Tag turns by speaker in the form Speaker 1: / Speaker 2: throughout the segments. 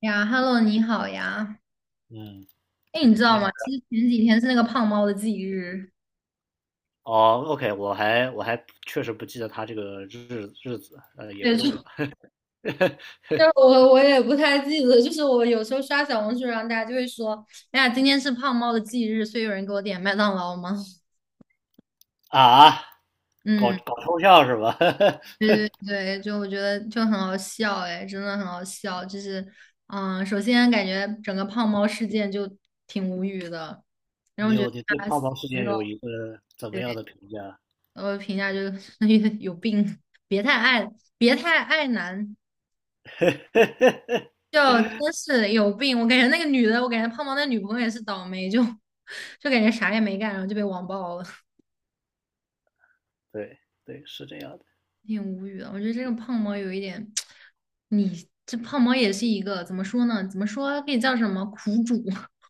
Speaker 1: 呀，Hello，你好呀。
Speaker 2: 嗯，
Speaker 1: 哎，你知道
Speaker 2: 你好。
Speaker 1: 吗？其实前几天是那个胖猫的忌日。
Speaker 2: 哦，OK，我还确实不记得他这个日子，也
Speaker 1: 对，
Speaker 2: 不
Speaker 1: 就
Speaker 2: 重要
Speaker 1: 就是我也不太记得，就是我有时候刷小红书，然后大家就会说，哎呀，今天是胖猫的忌日，所以有人给我点麦当劳吗？
Speaker 2: 啊，搞
Speaker 1: 嗯，
Speaker 2: 搞抽象是吧？
Speaker 1: 对对对，就我觉得就很好笑，哎，真的很好笑。就是，嗯，首先感觉整个胖猫事件就挺无语的，然后
Speaker 2: 你
Speaker 1: 我觉得
Speaker 2: 有你对
Speaker 1: 他
Speaker 2: 胖
Speaker 1: 死
Speaker 2: 猫事件
Speaker 1: 肉，
Speaker 2: 有一个怎么
Speaker 1: 对，
Speaker 2: 样的评价？
Speaker 1: 我评价就是 有病，别太爱，别太爱男。就真是有病！我感觉那个女的，我感觉胖猫那女朋友也是倒霉，就 就感觉啥也没干，然后就被网暴了，
Speaker 2: 对对，是这样的。
Speaker 1: 挺无语的。我觉得这个胖猫有一点，你这胖猫也是一个怎么说呢？怎么说可以叫什么苦主？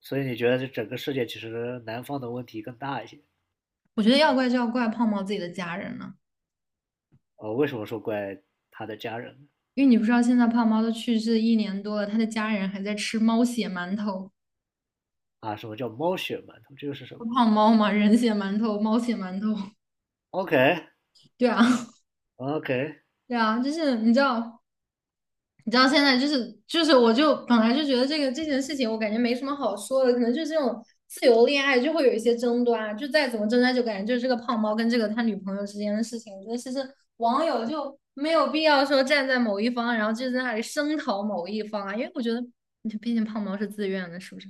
Speaker 2: 所以你觉得这整个世界其实南方的问题更大一些？
Speaker 1: 我觉得要怪就要怪胖猫自己的家人了，
Speaker 2: 为什么说怪他的家人呢？
Speaker 1: 因为你不知道现在胖猫都去世一年多了，他的家人还在吃猫血馒头，
Speaker 2: 啊，什么叫猫血馒头？这个是什么
Speaker 1: 胖猫嘛，人血馒头、猫血馒头，
Speaker 2: ？OK
Speaker 1: 对啊，
Speaker 2: OK，
Speaker 1: 对啊，就是你知道。你知道现在就是，我就本来就觉得这件事情，我感觉没什么好说的，可能就是这种自由恋爱就会有一些争端啊，就再怎么争端，就感觉就是这个胖猫跟这个他女朋友之间的事情。我觉得其实网友就没有必要说站在某一方，然后就在那里声讨某一方啊，因为我觉得，毕竟胖猫是自愿的，是不是？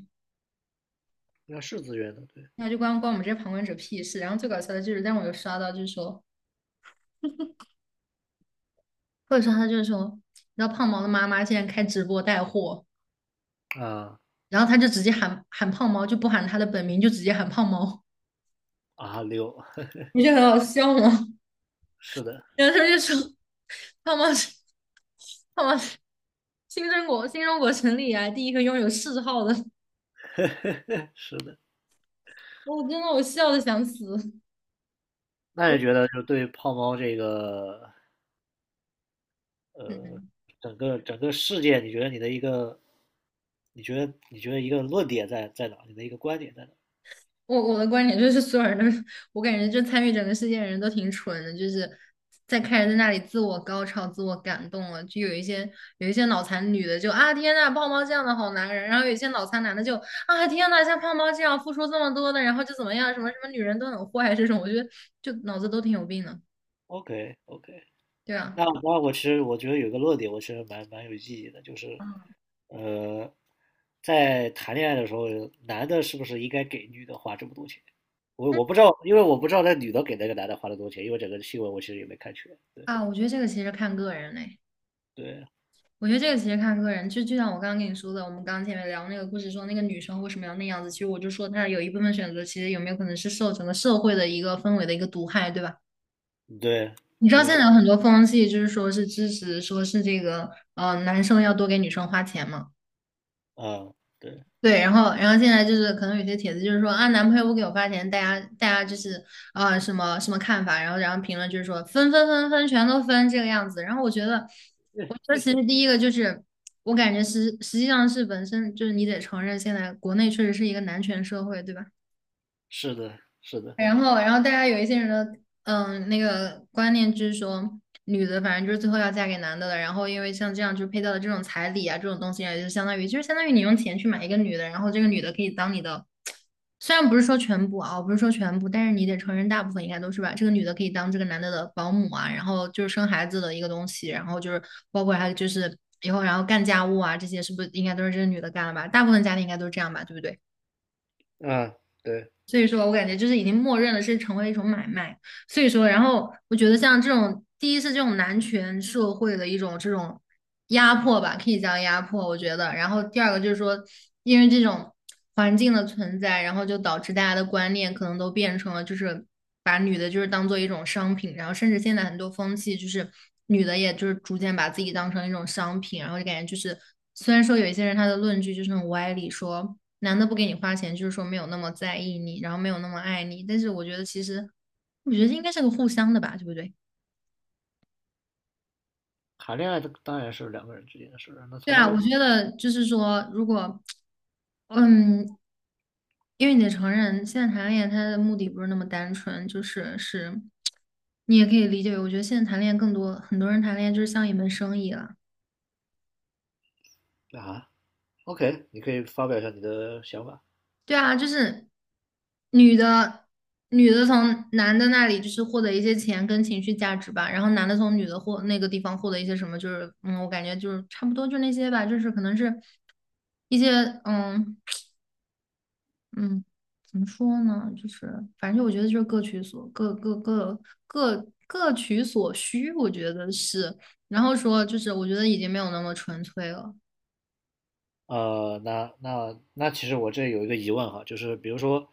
Speaker 2: 那是自愿的，对
Speaker 1: 那就关我们这些旁观者屁事。然后最搞笑的就是，但我有刷到，就是说，或者说他就是说，你知道胖猫的妈妈竟然开直播带货。
Speaker 2: 啊
Speaker 1: 然后他就直接喊胖猫，就不喊他的本名，就直接喊胖猫，
Speaker 2: 啊六，
Speaker 1: 不 就很好笑吗？
Speaker 2: 是的。
Speaker 1: 然后他就说胖猫是胖猫是新中国成立以来第一个拥有谥号的，
Speaker 2: 是的，
Speaker 1: 我真的，我笑的想死。
Speaker 2: 那你觉得就对胖猫这个
Speaker 1: 嗯。
Speaker 2: 整个事件，你觉得你的一个，你觉得一个论点在哪？你的一个观点在哪
Speaker 1: 我的观点就是，所有人都是我感觉就参与整个事件的人都挺蠢的，就是在开始在那里自我高潮、自我感动了，就有一些脑残女的就啊天呐，胖猫这样的好男人，然后有一些脑残男的就啊天呐，像胖猫这样付出这么多的，然后就怎么样，什么什么女人都很坏这种，我觉得就脑子都挺有病的，
Speaker 2: ？OK OK，
Speaker 1: 对啊，
Speaker 2: 那我其实我觉得有一个论点，我其实蛮有意义的，就是呃，在谈恋爱的时候，男的是不是应该给女的花这么多钱？我不知道，因为我不知道那女的给那个男的花了多少钱，因为整个新闻我其实也没看全。对
Speaker 1: 啊，我觉得这个其实看个人嘞。
Speaker 2: 对
Speaker 1: 我觉得这个其实看个人，就像我刚刚跟你说的，我们刚刚前面聊那个故事，说那个女生为什么要那样子，其实我就说她有一部分选择，其实有没有可能是受整个社会的一个氛围的一个毒害，对吧？
Speaker 2: 对
Speaker 1: 你知道现
Speaker 2: 对，
Speaker 1: 在有很多风气，就是说是支持，说是这个男生要多给女生花钱嘛。
Speaker 2: 嗯，对。
Speaker 1: 对，然后，然后现在就是可能有些帖子就是说啊，男朋友不给我发钱，大家就是啊、什么什么看法，然后评论就是说分分分分全都分这个样子。然后我觉得，我觉得其实第一个就是我感觉实际上是本身就是你得承认，现在国内确实是一个男权社会，对吧？
Speaker 2: 是的，是的，
Speaker 1: 然后，然后大家有一些人的那个观念就是说，女的反正就是最后要嫁给男的了。然后因为像这样就配到的这种彩礼啊这种东西啊，就相当于就是相当于你用钱去买一个女的，然后这个女的可以当你的，虽然不是说全部啊，我不是说全部，但是你得承认大部分应该都是吧。这个女的可以当这个男的的保姆啊，然后就是生孩子的一个东西，然后就是包括还有就是以后然后干家务啊这些，是不是应该都是这个女的干了吧？大部分家庭应该都是这样吧，对不对？
Speaker 2: 嗯，对，
Speaker 1: 所以说我感觉就是已经默认了是成为一种买卖。所以说，然后我觉得像这种，第一是这种男权社会的一种这种压迫吧，可以叫压迫，我觉得。然后第二个就是说，因为这种环境的存在，然后就导致大家的观念可能都变成了就是把女的就是当做一种商品，然后甚至现在很多风气就是女的也就是逐渐把自己当成一种商品，然后就感觉就是虽然说有一些人他的论据就是很歪理说。男的不给你花钱，就是说没有那么在意你，然后没有那么爱你。但是我觉得其实，我觉得应该是个互相的吧，对不对？
Speaker 2: 谈恋爱当然是两个人之间的事儿，那从
Speaker 1: 对
Speaker 2: 来
Speaker 1: 啊，我觉得就是说，如果，嗯，因为你得承认，现在谈恋爱他的目的不是那么单纯，就是，你也可以理解为，我觉得现在谈恋爱更多，很多人谈恋爱就是像一门生意了。
Speaker 2: 啊，OK，你可以发表一下你的想法。
Speaker 1: 对啊，就是女的，女的从男的那里就是获得一些钱跟情绪价值吧，然后男的从女的那个地方获得一些什么，就是我感觉就是差不多就那些吧，就是可能是一些嗯嗯，怎么说呢，就是反正我觉得就是各取所各各各各各取所需，我觉得是，然后说就是我觉得已经没有那么纯粹了，
Speaker 2: 那其实我这有一个疑问哈，就是比如说，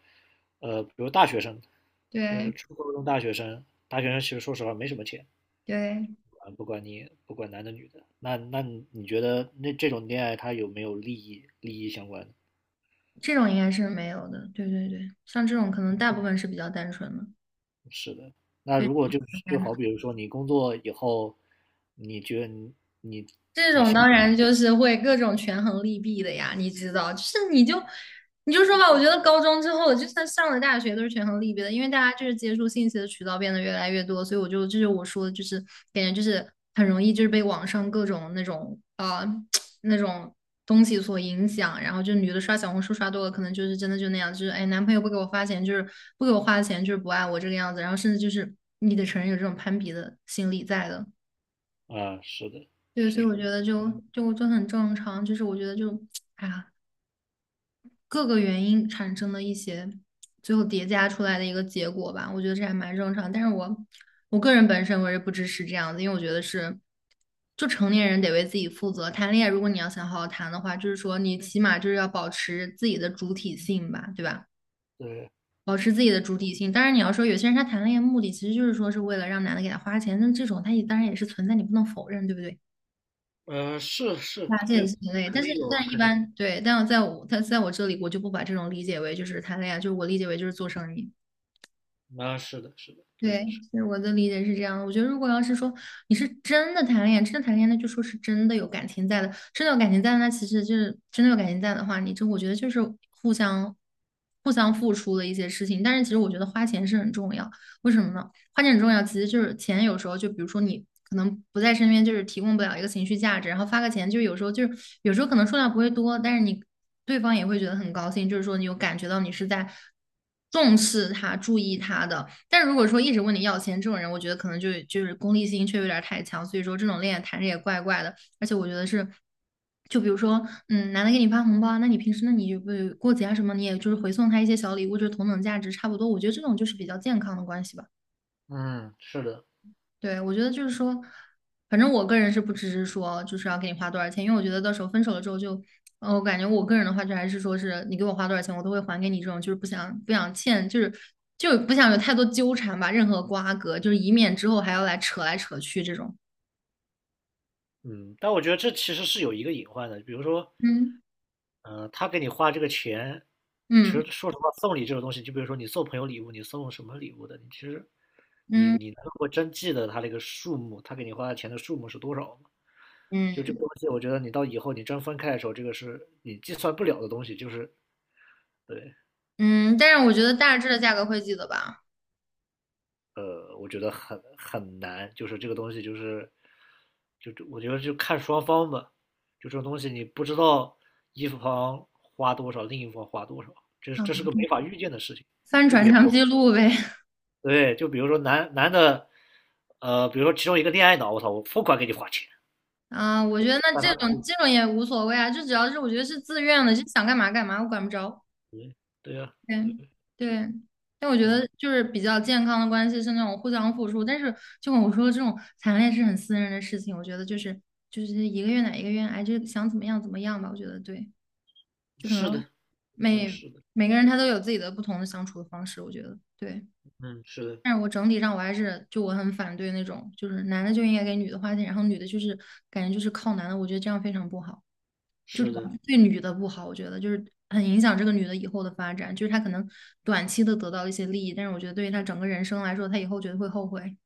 Speaker 2: 比如大学生，就
Speaker 1: 对
Speaker 2: 是初高中大学生，大学生其实说实话没什么钱，
Speaker 1: 对。
Speaker 2: 啊，不管男的女的，那你觉得那这种恋爱它有没有利益相关的？
Speaker 1: 这种应该是没有的。对对对，像这种可能大部分是比较单纯的，
Speaker 2: 是的，那
Speaker 1: 对，
Speaker 2: 如果就
Speaker 1: 单纯。
Speaker 2: 好比如说你工作以后，你觉得你你
Speaker 1: 这种当然就是会各种权衡利弊的呀，你知道，就是你就说吧，我觉得高中之后，就算上了大学，都是权衡利弊的，因为大家就是接触信息的渠道变得越来越多，所以我就这就是我说的，就是感觉就是很容易就是被网上各种那种啊、那种东西所影响，然后就女的刷小红书刷多了，可能就是真的就那样，就是哎，男朋友不给我花钱，就是不给我花钱，就是不爱我这个样子，然后甚至就是你得承认有这种攀比的心理在的。
Speaker 2: 啊，是的，
Speaker 1: 对，所
Speaker 2: 是
Speaker 1: 以
Speaker 2: 的，
Speaker 1: 我觉得就很正常，就是我觉得就，哎呀，各个原因产生的一些最后叠加出来的一个结果吧，我觉得这还蛮正常。但是我个人本身我是不支持这样子，因为我觉得是，就成年人得为自己负责。谈恋爱，如果你要想好好谈的话，就是说你起码就是要保持自己的主体性吧，对吧？
Speaker 2: 对，
Speaker 1: 保持自己的主体性。当然，你要说有些人他谈恋爱目的其实就是说是为了让男的给他花钱，那这种他也当然也是存在，你不能否认，对不对？
Speaker 2: 是是，
Speaker 1: 发现
Speaker 2: 对，
Speaker 1: 是挺累，
Speaker 2: 肯
Speaker 1: 但是
Speaker 2: 定有，
Speaker 1: 但一
Speaker 2: 肯定，
Speaker 1: 般对，但我在我他在我这里，我就不把这种理解为就是谈恋爱，就是我理解为就是做生意。
Speaker 2: 啊，是的，是的，对，
Speaker 1: 对，是我的理解是这样的。我觉得如果要是说你是真的谈恋爱，真的谈恋爱，那就说是真的有感情在的，真的有感情在的那其实就是真的有感情在的话，你这我觉得就是互相互相付出的一些事情。但是其实我觉得花钱是很重要，为什么呢？花钱很重要，其实就是钱，有时候就比如说你可能不在身边，就是提供不了一个情绪价值，然后发个钱，就是有时候可能数量不会多，但是你对方也会觉得很高兴，就是说你有感觉到你是在重视他、注意他的。但如果说一直问你要钱这种人，我觉得可能就是功利心却有点太强，所以说这种恋爱谈着也怪怪的。而且我觉得是，就比如说，男的给你发红包啊那你平时那你就不过节啊什么，你也就是回送他一些小礼物，就是同等价值差不多。我觉得这种就是比较健康的关系吧。
Speaker 2: 嗯，是的，
Speaker 1: 对，我觉得就是说，反正我个人是不支持说就是要给你花多少钱，因为我觉得到时候分手了之后就，我感觉我个人的话就还是说是你给我花多少钱，我都会还给你这种，就是不想欠，就是就不想有太多纠缠吧，任何瓜葛，就是以免之后还要来扯来扯去这种。
Speaker 2: 嗯，但我觉得这其实是有一个隐患的，比如说，
Speaker 1: 嗯
Speaker 2: 他给你花这个钱，其
Speaker 1: 嗯
Speaker 2: 实说实话，送礼这种东西，就比如说你送朋友礼物，你送什么礼物的，你其实你
Speaker 1: 嗯
Speaker 2: 你能够真记得他这个数目，他给你花的钱的数目是多少吗？就这个
Speaker 1: 嗯
Speaker 2: 东西，我觉得你到以后你真分开的时候，这个是你计算不了的东西，就是对。
Speaker 1: 嗯，但是我觉得大致的价格会记得吧。
Speaker 2: 我觉得很难，就是这个东西就是，就我觉得就看双方吧，就这种东西你不知道一方花多少，另一方花多少，这
Speaker 1: 啊，
Speaker 2: 这是个没法预见的事情。
Speaker 1: 翻
Speaker 2: 就比
Speaker 1: 转
Speaker 2: 如
Speaker 1: 账记录呗。
Speaker 2: 对，就比如说男的，比如说其中一个恋爱脑，我操，我疯狂给你花钱，
Speaker 1: 啊，我觉得那
Speaker 2: 但
Speaker 1: 这
Speaker 2: 他
Speaker 1: 种这种也无所谓啊，就只要是我觉得是自愿的，就想干嘛干嘛，我管不着。
Speaker 2: 对对呀、啊
Speaker 1: 对
Speaker 2: 对，是
Speaker 1: 对，但我觉
Speaker 2: 嗯，
Speaker 1: 得就是比较健康的关系是那种互相付出，但是就跟我说的这种谈恋爱是很私人的事情，我觉得就是一个愿打一个愿挨，就想怎么样怎么样吧，我觉得对，就可
Speaker 2: 是
Speaker 1: 能
Speaker 2: 的，就
Speaker 1: 每
Speaker 2: 是的，
Speaker 1: 每个人他都有自己的不同的相处的方式，我觉得对。
Speaker 2: 嗯，是的，
Speaker 1: 但是我整体上我还是就我很反对那种就是男的就应该给女的花钱，然后女的就是感觉就是靠男的，我觉得这样非常不好。就
Speaker 2: 是
Speaker 1: 主要
Speaker 2: 的，
Speaker 1: 是对女的不好，我觉得就是很影响这个女的以后的发展。就是她可能短期的得到一些利益，但是我觉得对于她整个人生来说，她以后绝对会后悔。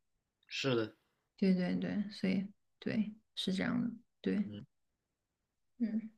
Speaker 2: 是的，
Speaker 1: 对对对，所以对，是这样的。对，
Speaker 2: 嗯。
Speaker 1: 嗯。